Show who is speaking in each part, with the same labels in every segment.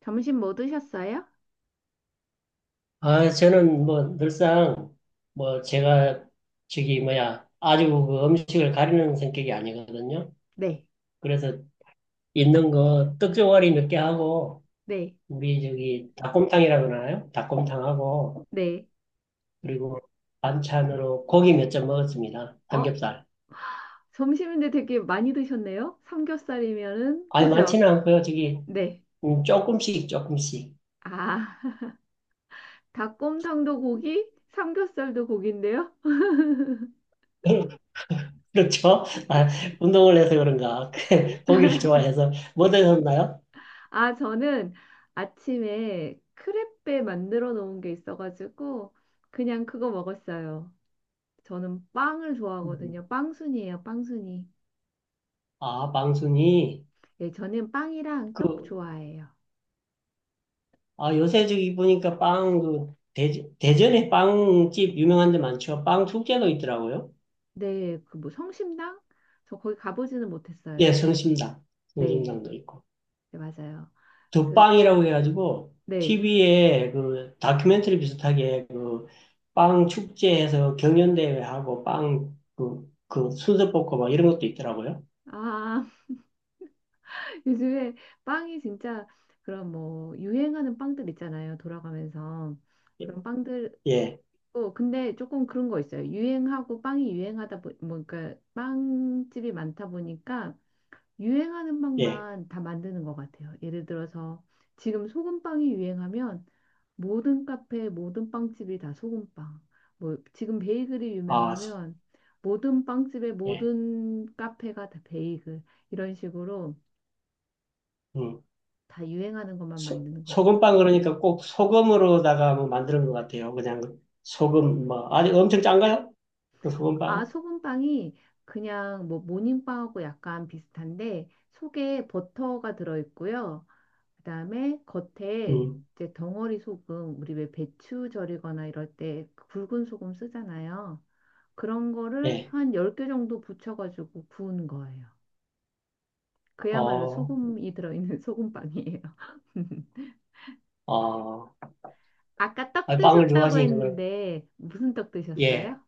Speaker 1: 점심 뭐 드셨어요?
Speaker 2: 아, 저는 뭐 늘상 뭐 제가 저기 뭐야 아주 그 음식을 가리는 성격이 아니거든요.
Speaker 1: 네,
Speaker 2: 그래서 있는 거 떡종아리 몇 개 하고
Speaker 1: 네,
Speaker 2: 우리 저기 닭곰탕이라고 하나요? 닭곰탕하고
Speaker 1: 네.
Speaker 2: 그리고 반찬으로 고기 몇 점 먹었습니다.
Speaker 1: 어,
Speaker 2: 삼겹살.
Speaker 1: 점심인데 되게 많이 드셨네요? 삼겹살이면은,
Speaker 2: 아니
Speaker 1: 그죠?
Speaker 2: 많지는 않고요. 저기
Speaker 1: 네.
Speaker 2: 조금씩 조금씩.
Speaker 1: 아, 닭곰탕도 고기, 삼겹살도 고기인데요?
Speaker 2: 그렇죠? 아, 운동을 해서 그런가 고기를 좋아해서 뭐 드셨나요?
Speaker 1: 아, 저는 아침에 크레페 만들어 놓은 게 있어가지고, 그냥 그거 먹었어요. 저는 빵을 좋아하거든요. 빵순이에요, 빵순이.
Speaker 2: 아, 방순이
Speaker 1: 예, 저는 빵이랑 떡
Speaker 2: 그
Speaker 1: 좋아해요.
Speaker 2: 아, 요새 저기 보니까 빵, 그, 대전에 빵집 유명한 데 많죠. 빵 축제도 있더라고요.
Speaker 1: 네, 그 뭐 성심당? 저 거기 가보지는
Speaker 2: 예,
Speaker 1: 못했어요.
Speaker 2: 성심당.
Speaker 1: 네.
Speaker 2: 성심당도 있고.
Speaker 1: 네, 맞아요. 그,
Speaker 2: 덕빵이라고 해가지고,
Speaker 1: 네.
Speaker 2: TV에 그 다큐멘터리 비슷하게 그 빵 축제에서 경연대회하고 빵 그, 그 순서 뽑고 막 이런 것도 있더라고요.
Speaker 1: 아, 요즘에 빵이 진짜 그런 뭐 유행하는 빵들 있잖아요. 돌아가면서
Speaker 2: 예,
Speaker 1: 그런 빵들.
Speaker 2: 예,
Speaker 1: 어, 근데 조금 그런 거 있어요. 유행하고 빵이 유행하다 보, 뭐, 그러니까 빵집이 많다 보니까 유행하는
Speaker 2: 예.
Speaker 1: 빵만 다 만드는 것 같아요. 예를 들어서 지금 소금빵이 유행하면 모든 카페, 모든 빵집이 다 소금빵. 뭐 지금 베이글이
Speaker 2: 아, 소-
Speaker 1: 유명하면 모든 빵집에
Speaker 2: 예.
Speaker 1: 모든 카페가 다 베이글. 이런 식으로
Speaker 2: 음.
Speaker 1: 다 유행하는 것만
Speaker 2: 소,
Speaker 1: 만드는 것 같아요.
Speaker 2: 소금빵 그러니까 꼭 소금으로다가 뭐 만드는 것 같아요. 그냥 소금, 뭐, 아직 엄청 짠가요? 소금
Speaker 1: 아,
Speaker 2: 빵?
Speaker 1: 소금빵이 그냥 뭐 모닝빵하고 약간 비슷한데 속에 버터가 들어있고요. 그다음에 겉에
Speaker 2: 음,
Speaker 1: 이제 덩어리 소금, 우리 왜 배추 절이거나 이럴 때 굵은 소금 쓰잖아요. 그런 거를
Speaker 2: 예.
Speaker 1: 한 10개 정도 붙여가지고 구운 거예요. 그야말로
Speaker 2: 어,
Speaker 1: 소금이 들어있는 소금빵이에요.
Speaker 2: 어,
Speaker 1: 아까 떡
Speaker 2: 아, 빵을
Speaker 1: 드셨다고
Speaker 2: 좋아하시니까, 그럼,
Speaker 1: 했는데 무슨 떡
Speaker 2: 예.
Speaker 1: 드셨어요?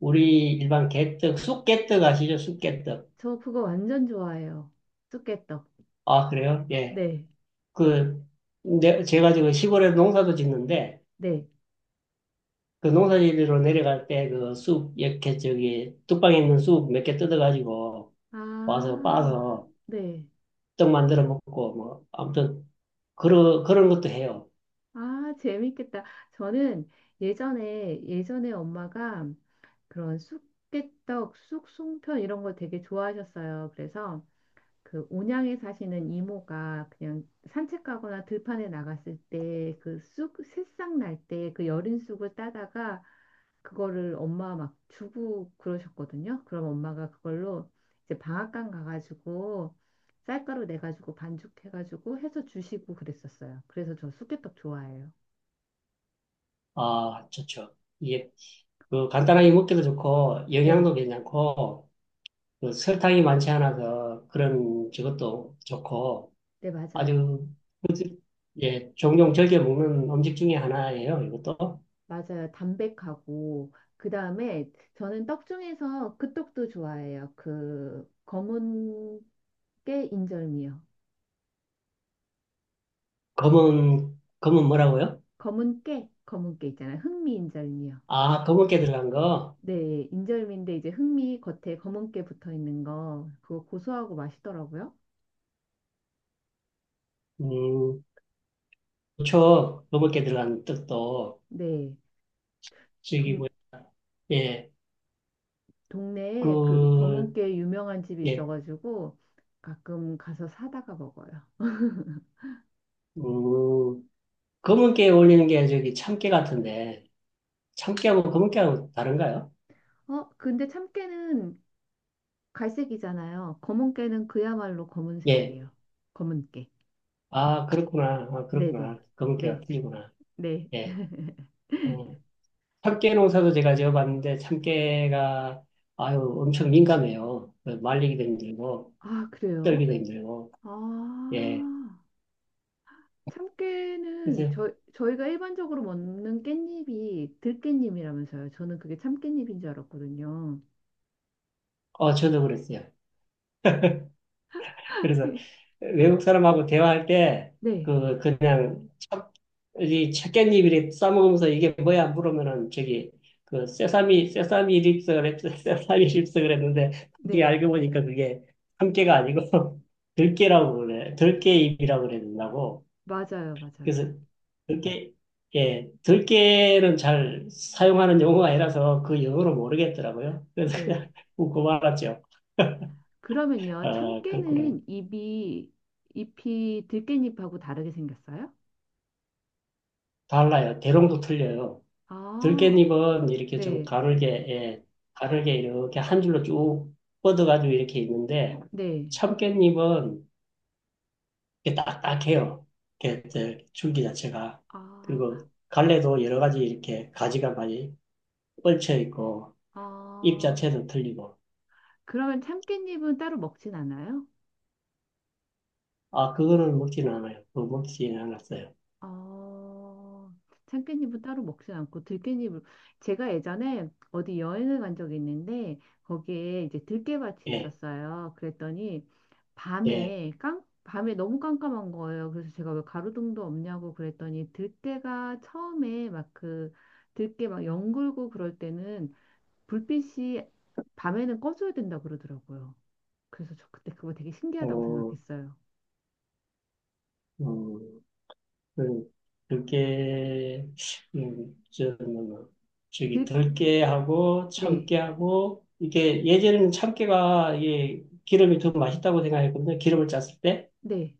Speaker 2: 우리 일반 개떡, 쑥개떡 아시죠? 쑥개떡.
Speaker 1: 저 그거 완전 좋아해요. 쑥개떡.
Speaker 2: 아, 그래요? 예.
Speaker 1: 네,
Speaker 2: 그, 제가 지금 시골에 농사도 짓는데,
Speaker 1: 네.
Speaker 2: 그 농사지리로 내려갈 때 그 쑥, 이렇게 저기, 뚝방에 있는 쑥 몇 개 뜯어가지고 와서
Speaker 1: 아,
Speaker 2: 빻아서
Speaker 1: 네.
Speaker 2: 떡 만들어 먹고, 뭐, 아무튼, 그런, 그런 것도 해요.
Speaker 1: 아, 재밌겠다. 저는 예전에, 예전에 엄마가 그런 쑥개떡, 쑥송편 이런 거 되게 좋아하셨어요. 그래서 그 온양에 사시는 이모가 그냥 산책 가거나 들판에 나갔을 때 그 쑥 새싹 날 때 그 여린 쑥을 따다가 그거를 엄마 막 주고 그러셨거든요. 그럼 엄마가 그걸로 이제 방앗간 가가지고 쌀가루 내가지고 반죽해가지고 해서 주시고 그랬었어요. 그래서 저 쑥개떡 좋아해요.
Speaker 2: 아, 좋죠. 이게, 그, 간단하게 먹기도 좋고, 영양도
Speaker 1: 네,
Speaker 2: 괜찮고, 그 설탕이 많지 않아서 그런 저것도 좋고
Speaker 1: 네, 맞아요.
Speaker 2: 아주 예, 종종 즐겨 먹는 음식 중에 하나예요. 이것도
Speaker 1: 맞아요. 담백하고 그다음에 저는 떡 중에서 그 떡도 좋아해요. 그 검은 깨 인절미요.
Speaker 2: 검은 뭐라고요?
Speaker 1: 검은 깨, 검은 깨 있잖아요. 흑미 인절미요.
Speaker 2: 아, 검은깨 들어간 거.
Speaker 1: 네, 인절미인데 이제 흑미 겉에 검은 깨 붙어 있는 거 그거 고소하고 맛있더라고요.
Speaker 2: 음, 그렇죠. 검은깨 들어간 뜻도
Speaker 1: 네, 동,
Speaker 2: 즐기고 예,
Speaker 1: 동네에 그 검은
Speaker 2: 그
Speaker 1: 깨 유명한 집이
Speaker 2: 예,
Speaker 1: 있어가지고 가끔 가서 사다가 먹어요.
Speaker 2: 음, 검은깨에 올리는 게 저기 참깨 같은데 참깨하고 검은깨하고 다른가요?
Speaker 1: 어, 근데 참깨는 갈색이잖아요. 검은깨는 그야말로
Speaker 2: 예,
Speaker 1: 검은색이에요. 검은깨.
Speaker 2: 아 그렇구나, 아
Speaker 1: 네네.
Speaker 2: 그렇구나, 검은깨가
Speaker 1: 네.
Speaker 2: 틀리구나.
Speaker 1: 네.
Speaker 2: 예. 음, 참깨 농사도 제가 지어봤는데 참깨가 아유 엄청 민감해요. 말리기도 힘들고
Speaker 1: 아, 그래요?
Speaker 2: 떨기도 힘들고 예
Speaker 1: 아, 참깨는
Speaker 2: 그래서
Speaker 1: 저, 저희가 일반적으로 먹는 깻잎이 들깻잎이라면서요. 저는 그게 참깻잎인 줄 알았거든요.
Speaker 2: 어 저도 그랬어요. 그래서 외국 사람하고 대화할 때
Speaker 1: 네.
Speaker 2: 그 그냥 참- 이 참깨잎이래 싸먹으면서 이게 뭐야 물으면은 저기 그 세사미 세사미 립스 그랬 세사미 립스 그랬는데 그게
Speaker 1: 네.
Speaker 2: 알고 보니까 그게 참깨가 아니고 들깨라고 그래 들깨잎이라고 그랬다고.
Speaker 1: 맞아요.
Speaker 2: 그래서
Speaker 1: 맞아요.
Speaker 2: 들깨, 예, 들깨는 잘 사용하는 용어가 아니라서 그 영어를 모르겠더라고요. 그래서
Speaker 1: 네.
Speaker 2: 그냥 웃고 말았죠.
Speaker 1: 그러면요.
Speaker 2: 아, 그렇구나.
Speaker 1: 참깨는 잎이, 잎이 들깻잎하고 다르게 생겼어요?
Speaker 2: 달라요. 대롱도 틀려요.
Speaker 1: 아,
Speaker 2: 들깨잎은 이렇게 좀
Speaker 1: 네.
Speaker 2: 가늘게, 예, 가늘게 이렇게 한 줄로 쭉 뻗어가지고 이렇게 있는데,
Speaker 1: 네.
Speaker 2: 참깨잎은 이렇게 딱딱해요. 이렇게 저 줄기 자체가.
Speaker 1: 아.
Speaker 2: 그리고 갈래도 여러 가지 이렇게 가지가 많이 뻗쳐 있고, 잎
Speaker 1: 아,
Speaker 2: 자체도 틀리고.
Speaker 1: 그러면 참깨잎은 따로 먹진 않아요?
Speaker 2: 아, 그거는 먹지는 않아요. 그거 먹지는 않았어요.
Speaker 1: 아, 참깨잎은 따로 먹진 않고 들깨잎을 제가 예전에 어디 여행을 간 적이 있는데 거기에 이제 들깨밭이
Speaker 2: 예,
Speaker 1: 있었어요. 그랬더니
Speaker 2: 예.
Speaker 1: 밤에 깜 밤에 너무 깜깜한 거예요. 그래서 제가 왜 가로등도 없냐고 그랬더니 들깨가 처음에 막 그 들깨 막 연글고 그럴 때는 불빛이 밤에는 꺼져야 된다 그러더라고요. 그래서 저 그때 그거 되게
Speaker 2: 어,
Speaker 1: 신기하다고
Speaker 2: 어,
Speaker 1: 생각했어요.
Speaker 2: 그, 그게, 저 뭐, 저기,
Speaker 1: 네,
Speaker 2: 덜게 하고,
Speaker 1: 네,
Speaker 2: 참게 하고, 이게, 예전에는 참깨가, 이게, 기름이 더 맛있다고 생각했거든요. 기름을 짰을 때.
Speaker 1: 네,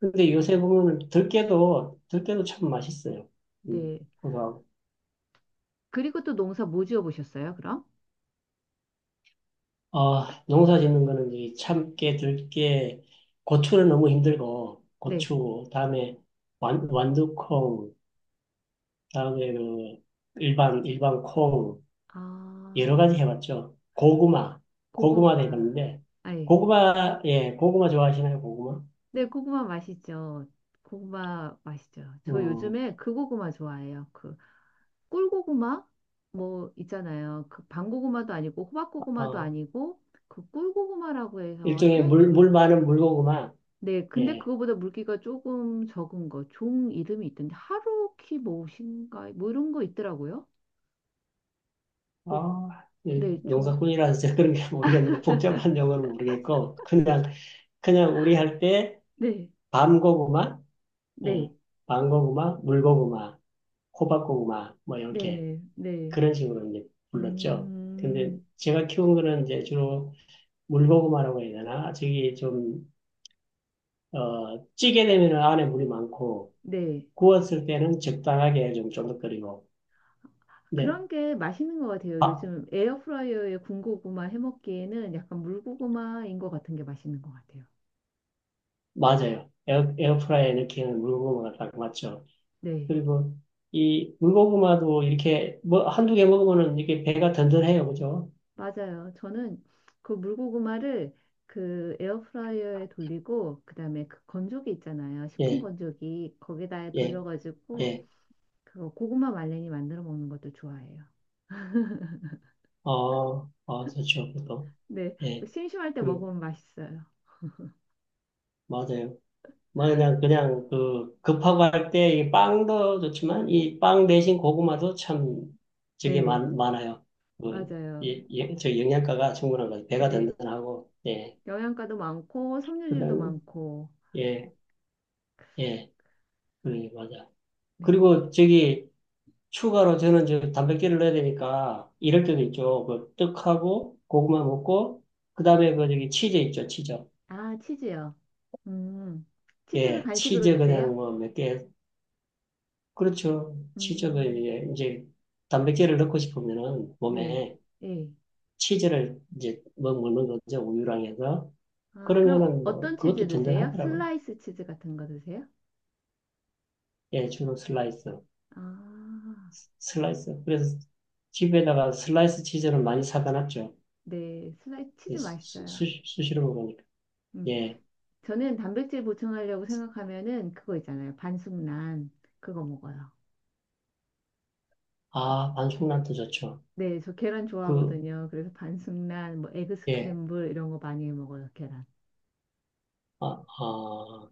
Speaker 2: 근데 요새 보면 들깨도 참 맛있어요.
Speaker 1: 네.
Speaker 2: 그거
Speaker 1: 그리고 또 농사 뭐 지어 보셨어요, 그럼?
Speaker 2: 어, 농사 짓는 거는 이 참깨, 들깨, 고추는 너무 힘들고,
Speaker 1: 네.
Speaker 2: 고추, 다음에 완두콩, 다음에 그 일반 콩,
Speaker 1: 아,
Speaker 2: 여러 가지 해봤죠. 고구마, 고구마도
Speaker 1: 고구마.
Speaker 2: 해봤는데,
Speaker 1: 아예.
Speaker 2: 고구마, 예, 고구마 좋아하시나요, 고구마?
Speaker 1: 네, 고구마 맛있죠. 고구마 맛있죠. 저
Speaker 2: 음,
Speaker 1: 요즘에 그 고구마 좋아해요. 그 꿀고구마 뭐 있잖아요. 그 밤고구마도 아니고 호박고구마도
Speaker 2: 어,
Speaker 1: 아니고 그 꿀고구마라고 해서
Speaker 2: 일종의
Speaker 1: 해.
Speaker 2: 물 많은 물고구마,
Speaker 1: 네, 근데
Speaker 2: 예,
Speaker 1: 그거보다 물기가 조금 적은 거, 종 이름이 있던데 하루키 무엇인가 뭐 이런 거 있더라고요. 고-
Speaker 2: 어, 이
Speaker 1: 네, 종
Speaker 2: 농사꾼이라서 제가 그런 게 모르겠는데, 복잡한 용어는 모르겠고, 그냥, 그냥 우리 할 때,
Speaker 1: 네,
Speaker 2: 밤고구마,
Speaker 1: 네,
Speaker 2: 예, 망고구마, 물고구마, 호박고구마, 뭐 이렇게
Speaker 1: 네, 네.
Speaker 2: 그런 식으로 이제 불렀죠. 근데
Speaker 1: 음,
Speaker 2: 제가 키운 거는 이제 주로 물고구마라고 해야 되나? 저기 좀, 어, 찌게 되면 안에 물이 많고,
Speaker 1: 네.
Speaker 2: 구웠을 때는 적당하게 좀 쫀득거리고. 네,
Speaker 1: 그런 게 맛있는 것 같아요.
Speaker 2: 아,
Speaker 1: 요즘 에어프라이어에 군고구마 해먹기에는 약간 물고구마인 것 같은 게 맛있는 것 같아요.
Speaker 2: 맞아요. 에어프라이에 넣기에는 물고구마가 딱 맞죠.
Speaker 1: 네,
Speaker 2: 그리고 이 물고구마도 이렇게 뭐 한두 개 먹으면은 이게 배가 든든해요. 그죠?
Speaker 1: 맞아요. 저는 그 물고구마를 그 에어프라이어에 돌리고 그다음에 그 건조기 있잖아요. 식품
Speaker 2: 예,
Speaker 1: 건조기 거기다
Speaker 2: 예,
Speaker 1: 돌려가지고
Speaker 2: 예.
Speaker 1: 그거 고구마 말랭이 만들어 먹는 것도 좋아해요.
Speaker 2: 아, 아, 좋죠, 그것도.
Speaker 1: 네, 그
Speaker 2: 예,
Speaker 1: 심심할 때
Speaker 2: 그,
Speaker 1: 먹으면 맛있어요.
Speaker 2: 맞아요. 뭐, 그냥, 그냥, 그, 급하고 할 때 이 빵도 좋지만, 이 빵 대신 고구마도 참, 저게
Speaker 1: 네,
Speaker 2: 많, 많아요. 그,
Speaker 1: 맞아요.
Speaker 2: 예, 예, 저 영양가가 충분한 거예요. 배가
Speaker 1: 네,
Speaker 2: 든든하고, 예.
Speaker 1: 영양가도 많고
Speaker 2: 그
Speaker 1: 섬유질도
Speaker 2: 다음에,
Speaker 1: 많고.
Speaker 2: 예, 예, 그, 맞아.
Speaker 1: 네.
Speaker 2: 그리고 저기, 추가로 저는 저 단백질을 넣어야 되니까, 이럴 때도 있죠. 그, 떡하고, 고구마 먹고, 그 다음에 그 저기 치즈 있죠, 치즈.
Speaker 1: 아, 치즈요. 음. 치즈를
Speaker 2: 예,
Speaker 1: 간식으로
Speaker 2: 치즈 그냥
Speaker 1: 드세요?
Speaker 2: 뭐 몇개 그렇죠. 치즈를
Speaker 1: 음.
Speaker 2: 이제 단백질을 넣고 싶으면은
Speaker 1: 네.
Speaker 2: 몸에
Speaker 1: 예.
Speaker 2: 치즈를 이제 뭐 먹는 거죠. 우유랑 해서.
Speaker 1: 아, 그럼 어-
Speaker 2: 그러면은 뭐
Speaker 1: 어떤 치즈
Speaker 2: 그것도
Speaker 1: 드세요?
Speaker 2: 든든하더라고요.
Speaker 1: 슬라이스 치즈 같은 거 드세요?
Speaker 2: 예, 주로 슬라이스.
Speaker 1: 아.
Speaker 2: 슬라이스. 그래서 집에다가 슬라이스 치즈를 많이 사다 놨죠.
Speaker 1: 네. 슬라이스
Speaker 2: 예,
Speaker 1: 치즈
Speaker 2: 수,
Speaker 1: 맛있어요.
Speaker 2: 수, 수시로 먹으니까.
Speaker 1: 음.
Speaker 2: 예.
Speaker 1: 저는 단백질 보충하려고 생각하면은 그거 있잖아요. 반숙란 그거 먹어요.
Speaker 2: 아, 반숙란도 좋죠.
Speaker 1: 네, 저 계란
Speaker 2: 그,
Speaker 1: 좋아하거든요. 그래서 반숙란, 뭐 에그
Speaker 2: 예.
Speaker 1: 스크램블 이런 거 많이 먹어요, 계란.
Speaker 2: 아, 아.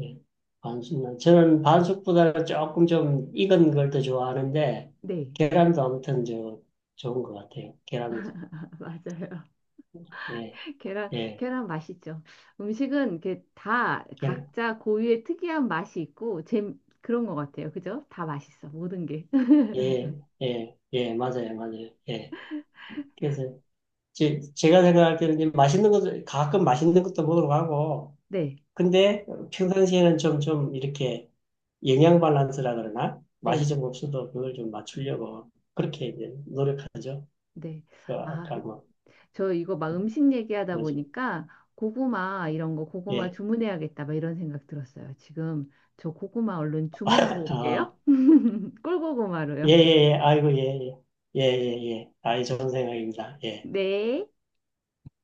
Speaker 2: 예. 반숙 저는 반숙보다 조금 좀 익은 걸 더 좋아하는데,
Speaker 1: 네,
Speaker 2: 계란도 아무튼 저, 좋은 것 같아요. 계란도.
Speaker 1: 맞아요.
Speaker 2: 예,
Speaker 1: 계란,
Speaker 2: 예,
Speaker 1: 계란 맛있죠. 음식은 이렇게 다
Speaker 2: 계란.
Speaker 1: 각자 고유의 특이한 맛이 있고, 제 그런 것 같아요. 그죠? 다 맛있어. 모든 게.
Speaker 2: 예, 예, 예, 맞아요, 맞아요. 예. 그래서 제가 생각할 때는 이제 맛있는 것도, 가끔 맛있는 것도 먹으러 가고,
Speaker 1: 네,
Speaker 2: 근데 평상시에는 좀, 좀 이렇게 영양 밸런스라 그러나, 맛이
Speaker 1: 네,
Speaker 2: 좀 없어도 그걸 좀 맞추려고 그렇게 이제 노력하죠.
Speaker 1: 네.
Speaker 2: 그
Speaker 1: 아,
Speaker 2: 아까
Speaker 1: 그-
Speaker 2: 뭐,
Speaker 1: 저 이거 막 음식 얘기하다
Speaker 2: 그러지.
Speaker 1: 보니까 고구마 이런 거 고구마
Speaker 2: 예.
Speaker 1: 주문해야겠다. 막 이런 생각 들었어요. 지금 저 고구마 얼른 주문하고
Speaker 2: 아.
Speaker 1: 올게요.
Speaker 2: 예, 예,
Speaker 1: 꿀고구마로요.
Speaker 2: 예. 아이고, 예, 예. 예, 예, 예. 아이, 좋은 생각입니다. 예.
Speaker 1: 네.